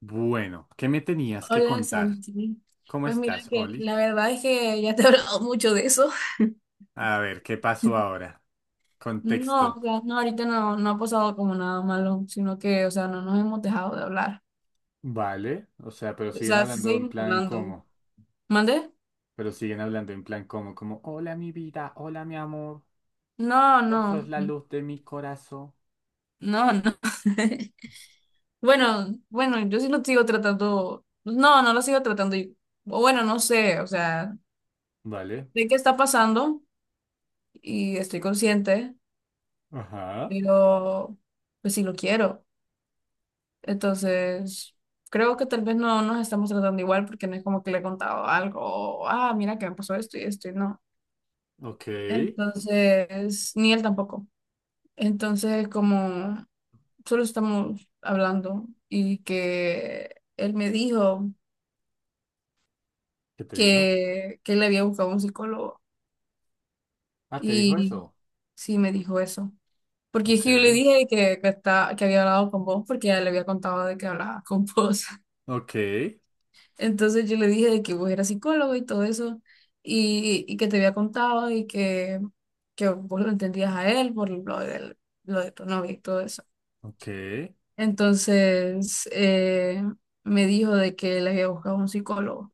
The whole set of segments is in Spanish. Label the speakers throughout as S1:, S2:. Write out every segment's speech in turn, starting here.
S1: Bueno, ¿qué me tenías que
S2: Hola
S1: contar?
S2: Santi.
S1: ¿Cómo
S2: Pues mira
S1: estás,
S2: que
S1: Oli?
S2: la verdad es que ya te he hablado mucho de eso.
S1: A ver, ¿qué pasó ahora?
S2: No,
S1: Contexto.
S2: o sea, no, ahorita no, no ha pasado como nada malo, sino que, o sea, no nos hemos dejado de hablar.
S1: Vale, o sea, pero
S2: O
S1: siguen
S2: sea, sí
S1: hablando en
S2: seguimos
S1: plan
S2: hablando.
S1: como,
S2: ¿Mande?
S1: pero siguen hablando en plan como, hola mi vida, hola mi amor,
S2: No,
S1: vos sos
S2: no,
S1: la luz de mi corazón.
S2: no, no. Bueno, bueno, yo sí lo sigo tratando. No, no lo sigo tratando. Y- o Bueno, no sé, o sea,
S1: Vale,
S2: sé qué está pasando y estoy consciente,
S1: ajá,
S2: pero pues sí lo quiero. Entonces, creo que tal vez no nos estamos tratando igual porque no es como que le he contado algo, o, ah, mira que me pasó esto y esto y no.
S1: ok, ¿qué
S2: Entonces, ni él tampoco. Entonces, como solo estamos hablando y que él me dijo
S1: te dijo?
S2: que él había buscado un psicólogo
S1: Ah, ¿te dijo
S2: y
S1: eso?
S2: sí me dijo eso. Porque es
S1: Ok,
S2: que yo le dije que está, que había hablado con vos porque ya le había contado de que hablaba con vos.
S1: ok,
S2: Entonces yo le dije de que vos eras psicólogo y todo eso, y que te había contado y que vos lo entendías a él lo de tu novia y todo eso.
S1: ok,
S2: Entonces me dijo de que le había buscado un psicólogo,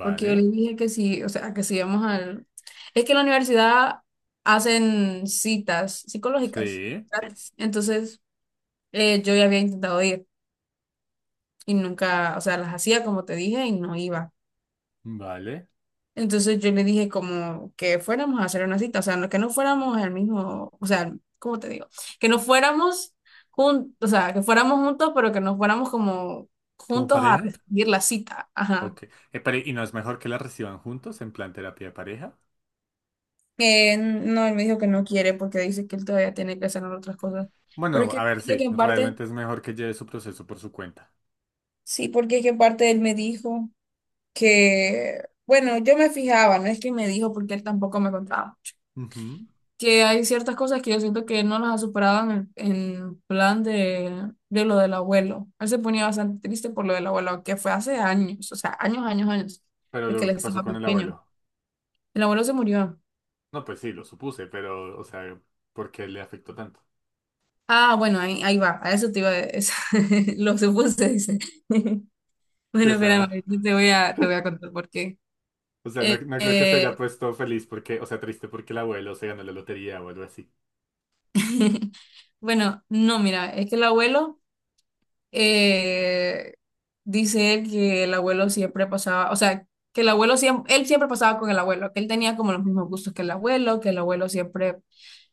S2: porque yo le dije que sí, o sea, que si íbamos al... Es que en la universidad hacen citas psicológicas
S1: sí,
S2: gratis. Entonces yo ya había intentado ir y nunca, o sea, las hacía como te dije y no iba.
S1: vale,
S2: Entonces yo le dije como que fuéramos a hacer una cita, o sea, que no fuéramos al mismo, o sea, ¿cómo te digo? Que no fuéramos juntos, o sea, que fuéramos juntos, pero que no fuéramos como
S1: ¿como
S2: juntos a
S1: pareja?
S2: recibir la cita. Ajá.
S1: Ok. Pero, ¿y no es mejor que la reciban juntos en plan terapia de pareja?
S2: No, él me dijo que no quiere porque dice que él todavía tiene que hacer otras cosas. Pero es
S1: Bueno,
S2: que
S1: a ver,
S2: siento que
S1: sí,
S2: en parte,
S1: realmente es mejor que lleve su proceso por su cuenta.
S2: sí, porque es que en parte él me dijo que, bueno, yo me fijaba, no es que me dijo porque él tampoco me contaba.
S1: Ujú.
S2: Que hay ciertas cosas que yo siento que no las ha superado en plan de lo del abuelo. Él se ponía bastante triste por lo del abuelo, que fue hace años, o sea, años, años, años,
S1: Pero
S2: de que él
S1: lo que pasó
S2: estaba
S1: con el
S2: pequeño.
S1: abuelo.
S2: El abuelo se murió.
S1: No, pues sí, lo supuse, pero, o sea, ¿por qué le afectó tanto?
S2: Ah, bueno, ahí, ahí va, a eso te iba a eso- lo supuse, dice.
S1: Sí,
S2: Bueno, espérame, yo te voy a contar por qué.
S1: o sea, no,
S2: Eh,
S1: no creo que se haya
S2: eh,
S1: puesto feliz porque, o sea, triste porque el abuelo se ganó la lotería o algo así.
S2: bueno, no, mira, es que el abuelo... eh, dice él que el abuelo siempre pasaba, o sea, que el abuelo siempre, él siempre pasaba con el abuelo, que él tenía como los mismos gustos que el abuelo siempre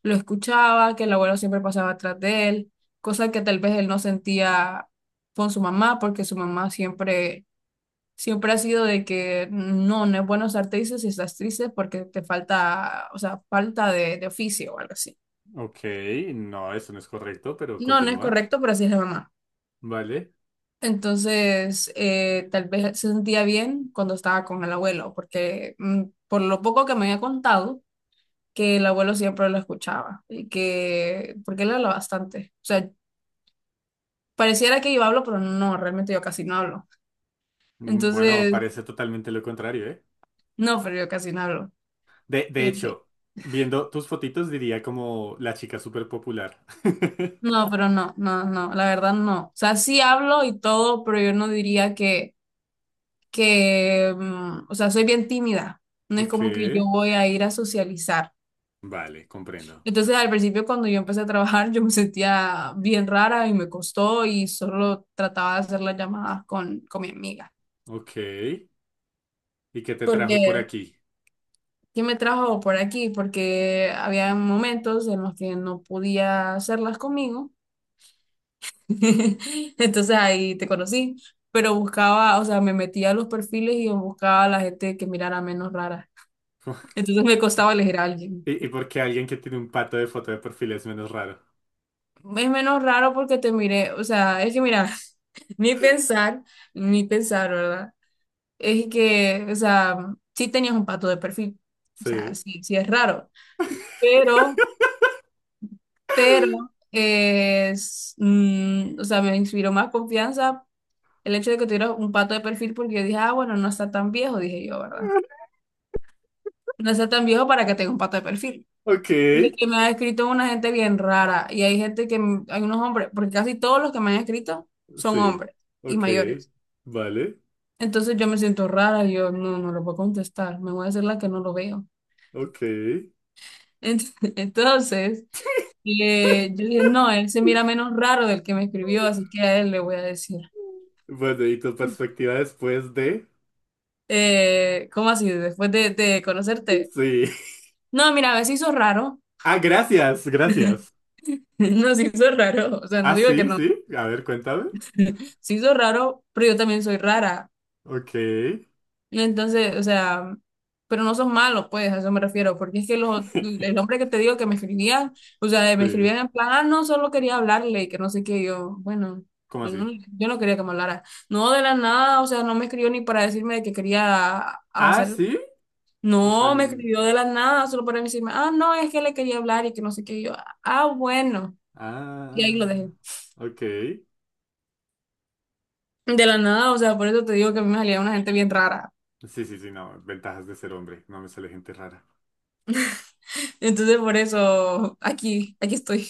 S2: lo escuchaba, que el abuelo siempre pasaba atrás de él, cosa que tal vez él no sentía con su mamá, porque su mamá siempre, siempre ha sido de que no, no es bueno estar triste si estás triste porque te falta, o sea, falta de oficio o algo así.
S1: Ok, no, eso no es correcto, pero
S2: No, no es
S1: continúa.
S2: correcto, pero así es la mamá.
S1: Vale.
S2: Entonces, tal vez se sentía bien cuando estaba con el abuelo, porque por lo poco que me había contado, que el abuelo siempre lo escuchaba y que, porque él habla bastante. O sea, pareciera que yo hablo, pero no, realmente yo casi no hablo.
S1: Mm, bueno,
S2: Entonces,
S1: parece totalmente lo contrario, ¿eh?
S2: no, pero yo casi no hablo.
S1: De
S2: Eh,
S1: hecho, viendo tus fotitos diría como la chica súper popular.
S2: no, pero no, no, no, la verdad no. O sea, sí hablo y todo, pero yo no diría que, o sea, soy bien tímida. No es
S1: Ok,
S2: como que yo voy a ir a socializar.
S1: vale, comprendo.
S2: Entonces, al principio, cuando yo empecé a trabajar, yo me sentía bien rara y me costó y solo trataba de hacer las llamadas con mi amiga.
S1: Ok, ¿y qué te trajo por
S2: Porque,
S1: aquí?
S2: ¿qué me trajo por aquí? Porque había momentos en los que no podía hacerlas conmigo. Entonces, ahí te conocí. Pero buscaba, o sea, me metía a los perfiles y buscaba a la gente que mirara menos rara. Entonces, me costaba elegir a alguien.
S1: ¿Y, y por qué alguien que tiene un pato de foto de perfil es menos raro?
S2: Es menos raro porque te miré, o sea, es que mira, ni pensar, ni pensar, ¿verdad? Es que, o sea, sí tenías un pato de perfil, o sea,
S1: Sí,
S2: sí, sí es raro, pero, pero, o sea, me inspiró más confianza el hecho de que tuviera un pato de perfil porque yo dije, ah, bueno, no está tan viejo, dije yo, ¿verdad? No está tan viejo para que tenga un pato de perfil.
S1: ok,
S2: Porque que me ha escrito una gente bien rara y hay gente que, hay unos hombres, porque casi todos los que me han escrito son
S1: sí,
S2: hombres y
S1: ok,
S2: mayores.
S1: vale,
S2: Entonces yo me siento rara, yo no, no lo puedo contestar, me voy a hacer la que no lo veo.
S1: ok.
S2: Entonces, yo dije, no, él se mira menos raro del que me escribió, así que a él le voy a decir.
S1: Bueno, ¿y tu perspectiva después de?
S2: ¿Cómo así? Después de conocerte.
S1: Sí.
S2: No, mira, a ver, se hizo raro.
S1: Ah, gracias, gracias.
S2: No, se hizo raro. O sea, no
S1: Ah,
S2: digo que
S1: sí,
S2: no.
S1: sí, a ver, cuéntame.
S2: Se hizo raro, pero yo también soy rara.
S1: Ok,
S2: Entonces, o sea, pero no son malos, pues, a eso me refiero, porque es que los, el hombre que te digo que me escribía, o sea, me
S1: sí,
S2: escribía en plan, ah, no, solo quería hablarle, y que no sé qué, y yo, bueno,
S1: ¿cómo
S2: yo
S1: así?
S2: no, yo no quería que me hablara. No, de la nada, o sea, no me escribió ni para decirme de que quería
S1: Ah,
S2: hacer,
S1: sí. O sea,
S2: no, me
S1: n-
S2: escribió de la nada, solo para decirme, ah, no, es que le quería hablar y que no sé qué, y yo, ah, bueno, y ahí lo
S1: ah,
S2: dejé.
S1: ok.
S2: De la nada, o sea, por eso te digo que a mí me salía una gente bien rara.
S1: Sí, sí, sí, no. Ventajas de ser hombre. No me sale gente rara.
S2: Entonces, por eso aquí, aquí estoy.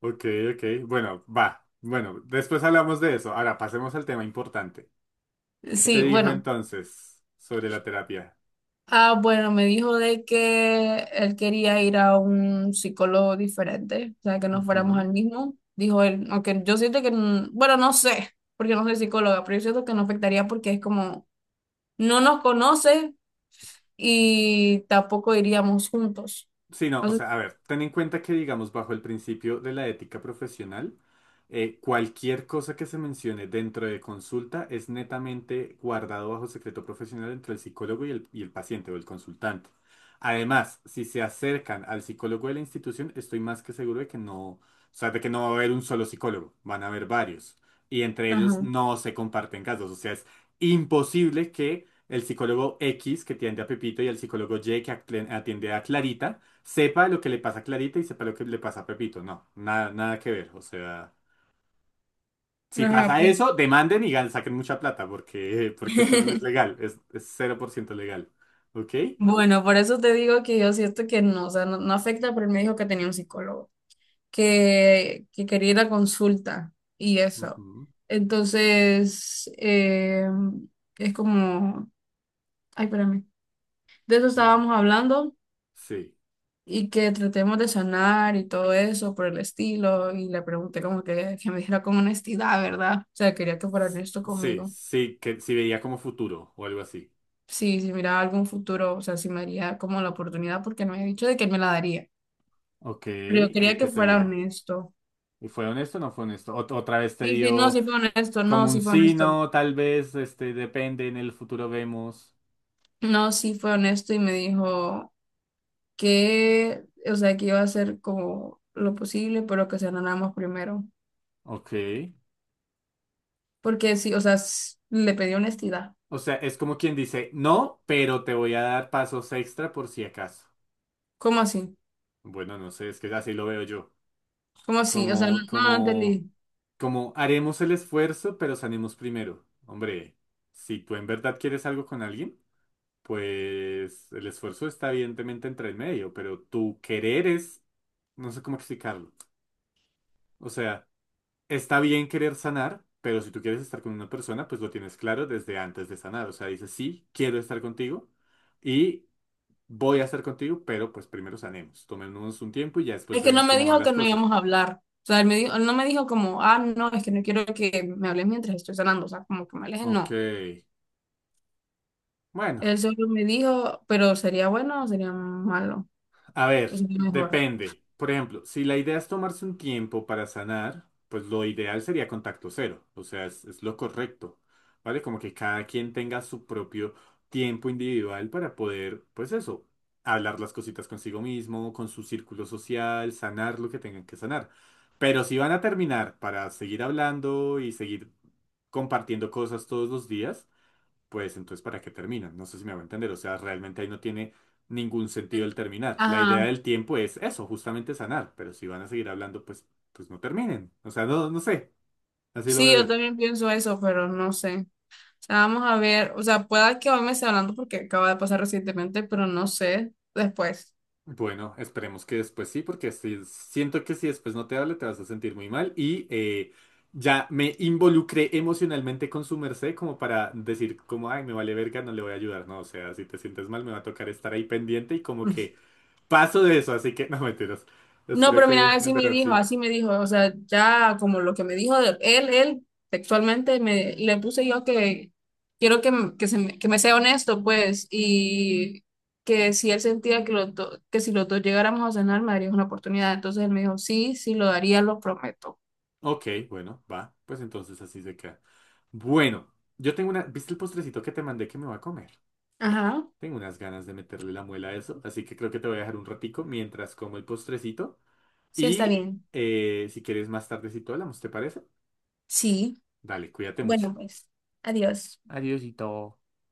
S1: Ok, ok. Bueno, va. Bueno, después hablamos de eso. Ahora pasemos al tema importante. ¿Qué te
S2: Sí,
S1: dijo
S2: bueno.
S1: entonces sobre la terapia?
S2: Ah, bueno, me dijo de que él quería ir a un psicólogo diferente, o sea, que no fuéramos
S1: Ujú.
S2: al mismo. Dijo él, aunque yo siento que, bueno, no sé, porque no soy psicóloga, pero yo siento que no afectaría porque es como, no nos conoce y tampoco iríamos juntos.
S1: Sí, no, o
S2: Entonces,
S1: sea, a ver, ten en cuenta que, digamos, bajo el principio de la ética profesional, cualquier cosa que se mencione dentro de consulta es netamente guardado bajo secreto profesional entre el psicólogo y el paciente o el consultante. Además, si se acercan al psicólogo de la institución, estoy más que seguro de que no, o sea, de que no va a haber un solo psicólogo, van a haber varios. Y entre ellos
S2: ajá,
S1: no se comparten casos, o sea, es imposible que el psicólogo X que atiende a Pepito y el psicólogo Y que atiende a Clarita, sepa lo que le pasa a Clarita y sepa lo que le pasa a Pepito. No, nada, nada que ver. O sea, si
S2: ajá,
S1: pasa
S2: bueno.
S1: eso, demanden y saquen mucha plata porque, porque eso no es legal, es 0% legal. ¿Ok?
S2: Bueno, por eso te digo que yo siento que no, o sea, no, no afecta, pero él me dijo que tenía un psicólogo, que quería ir a consulta y eso.
S1: Ujú.
S2: Entonces, es como, ay, espérame, de eso
S1: Eh,
S2: estábamos hablando
S1: Sí.
S2: y que tratemos de sanar y todo eso por el estilo y le pregunté como que me dijera con honestidad, ¿verdad? O sea, quería que fuera honesto
S1: Sí,
S2: conmigo.
S1: sí, que si veía como futuro o algo así.
S2: Sí, si miraba algún futuro, o sea, si me daría como la oportunidad porque me había dicho de que me la daría,
S1: Ok,
S2: pero yo
S1: ¿y
S2: quería que
S1: qué te
S2: fuera
S1: dijo?
S2: honesto.
S1: ¿Y fue honesto o no fue honesto? Otra vez te
S2: Sí, sí, no,
S1: dio
S2: sí fue honesto, no,
S1: como un
S2: sí fue
S1: sí,
S2: honesto.
S1: no, tal vez, este, depende, en el futuro vemos.
S2: No, sí fue honesto y me dijo, que, o sea, que iba a hacer como lo posible, pero que se más primero.
S1: Ok.
S2: Porque sí, o sea, le pedí honestidad.
S1: O sea, es como quien dice, no, pero te voy a dar pasos extra por si acaso.
S2: ¿Cómo así?
S1: Bueno, no sé, es que así lo veo yo.
S2: ¿Cómo así? O sea, no,
S1: Como,
S2: no
S1: como,
S2: entendí.
S1: Como haremos el esfuerzo, pero sanemos primero. Hombre, si tú en verdad quieres algo con alguien, pues el esfuerzo está evidentemente entre el medio, pero tu querer es, no sé cómo explicarlo. O sea, está bien querer sanar, pero si tú quieres estar con una persona, pues lo tienes claro desde antes de sanar. O sea, dices, sí, quiero estar contigo. Y voy a hacer contigo, pero pues primero sanemos. Tomémonos un tiempo y ya después
S2: Es que no
S1: vemos
S2: me
S1: cómo van
S2: dijo
S1: las
S2: que no
S1: cosas.
S2: íbamos a hablar. O sea, él, me dijo, él no me dijo como, ah, no, es que no quiero que me hables mientras estoy sanando. O sea, como que me alejen,
S1: Ok.
S2: no.
S1: Bueno.
S2: Él solo me dijo, pero sería bueno o sería malo,
S1: A ver,
S2: o sería mejor.
S1: depende. Por ejemplo, si la idea es tomarse un tiempo para sanar, pues lo ideal sería contacto cero. O sea, es lo correcto. ¿Vale? Como que cada quien tenga su propio tiempo individual para poder, pues eso, hablar las cositas consigo mismo, con su círculo social, sanar lo que tengan que sanar. Pero si van a terminar para seguir hablando y seguir compartiendo cosas todos los días, pues entonces ¿para qué terminan? No sé si me va a entender, o sea, realmente ahí no tiene ningún sentido el terminar. La idea
S2: Ajá.
S1: del tiempo es eso, justamente sanar, pero si van a seguir hablando, pues, pues no terminen. O sea, no, no sé, así lo
S2: Sí,
S1: veo
S2: yo
S1: yo.
S2: también pienso eso, pero no sé. Sea, vamos a ver, o sea, pueda que hoy me esté hablando porque acaba de pasar recientemente, pero no sé, después.
S1: Bueno, esperemos que después sí, porque siento que si después no te hable, te vas a sentir muy mal y ya me involucré emocionalmente con su merced como para decir como, ay, me vale verga, no le voy a ayudar, no, o sea, si te sientes mal, me va a tocar estar ahí pendiente y como que paso de eso, así que no mentiras.
S2: No,
S1: Espero
S2: pero mira,
S1: que en verdad sí.
S2: así me dijo, o sea, ya como lo que me dijo él, él textualmente me le puse yo que quiero que, que me sea honesto, pues, y que si él sentía que, que si los dos llegáramos a cenar me darías una oportunidad. Entonces él me dijo, sí, sí lo daría, lo prometo.
S1: Ok, bueno, va. Pues entonces así se queda. Bueno, yo tengo una. ¿Viste el postrecito que te mandé que me va a comer?
S2: Ajá,
S1: Tengo unas ganas de meterle la muela a eso, así que creo que te voy a dejar un ratico mientras como el postrecito.
S2: sí está
S1: Y
S2: bien.
S1: si quieres más tardecito hablamos, ¿te parece?
S2: Sí,
S1: Dale, cuídate mucho.
S2: bueno, pues, adiós.
S1: Adiósito.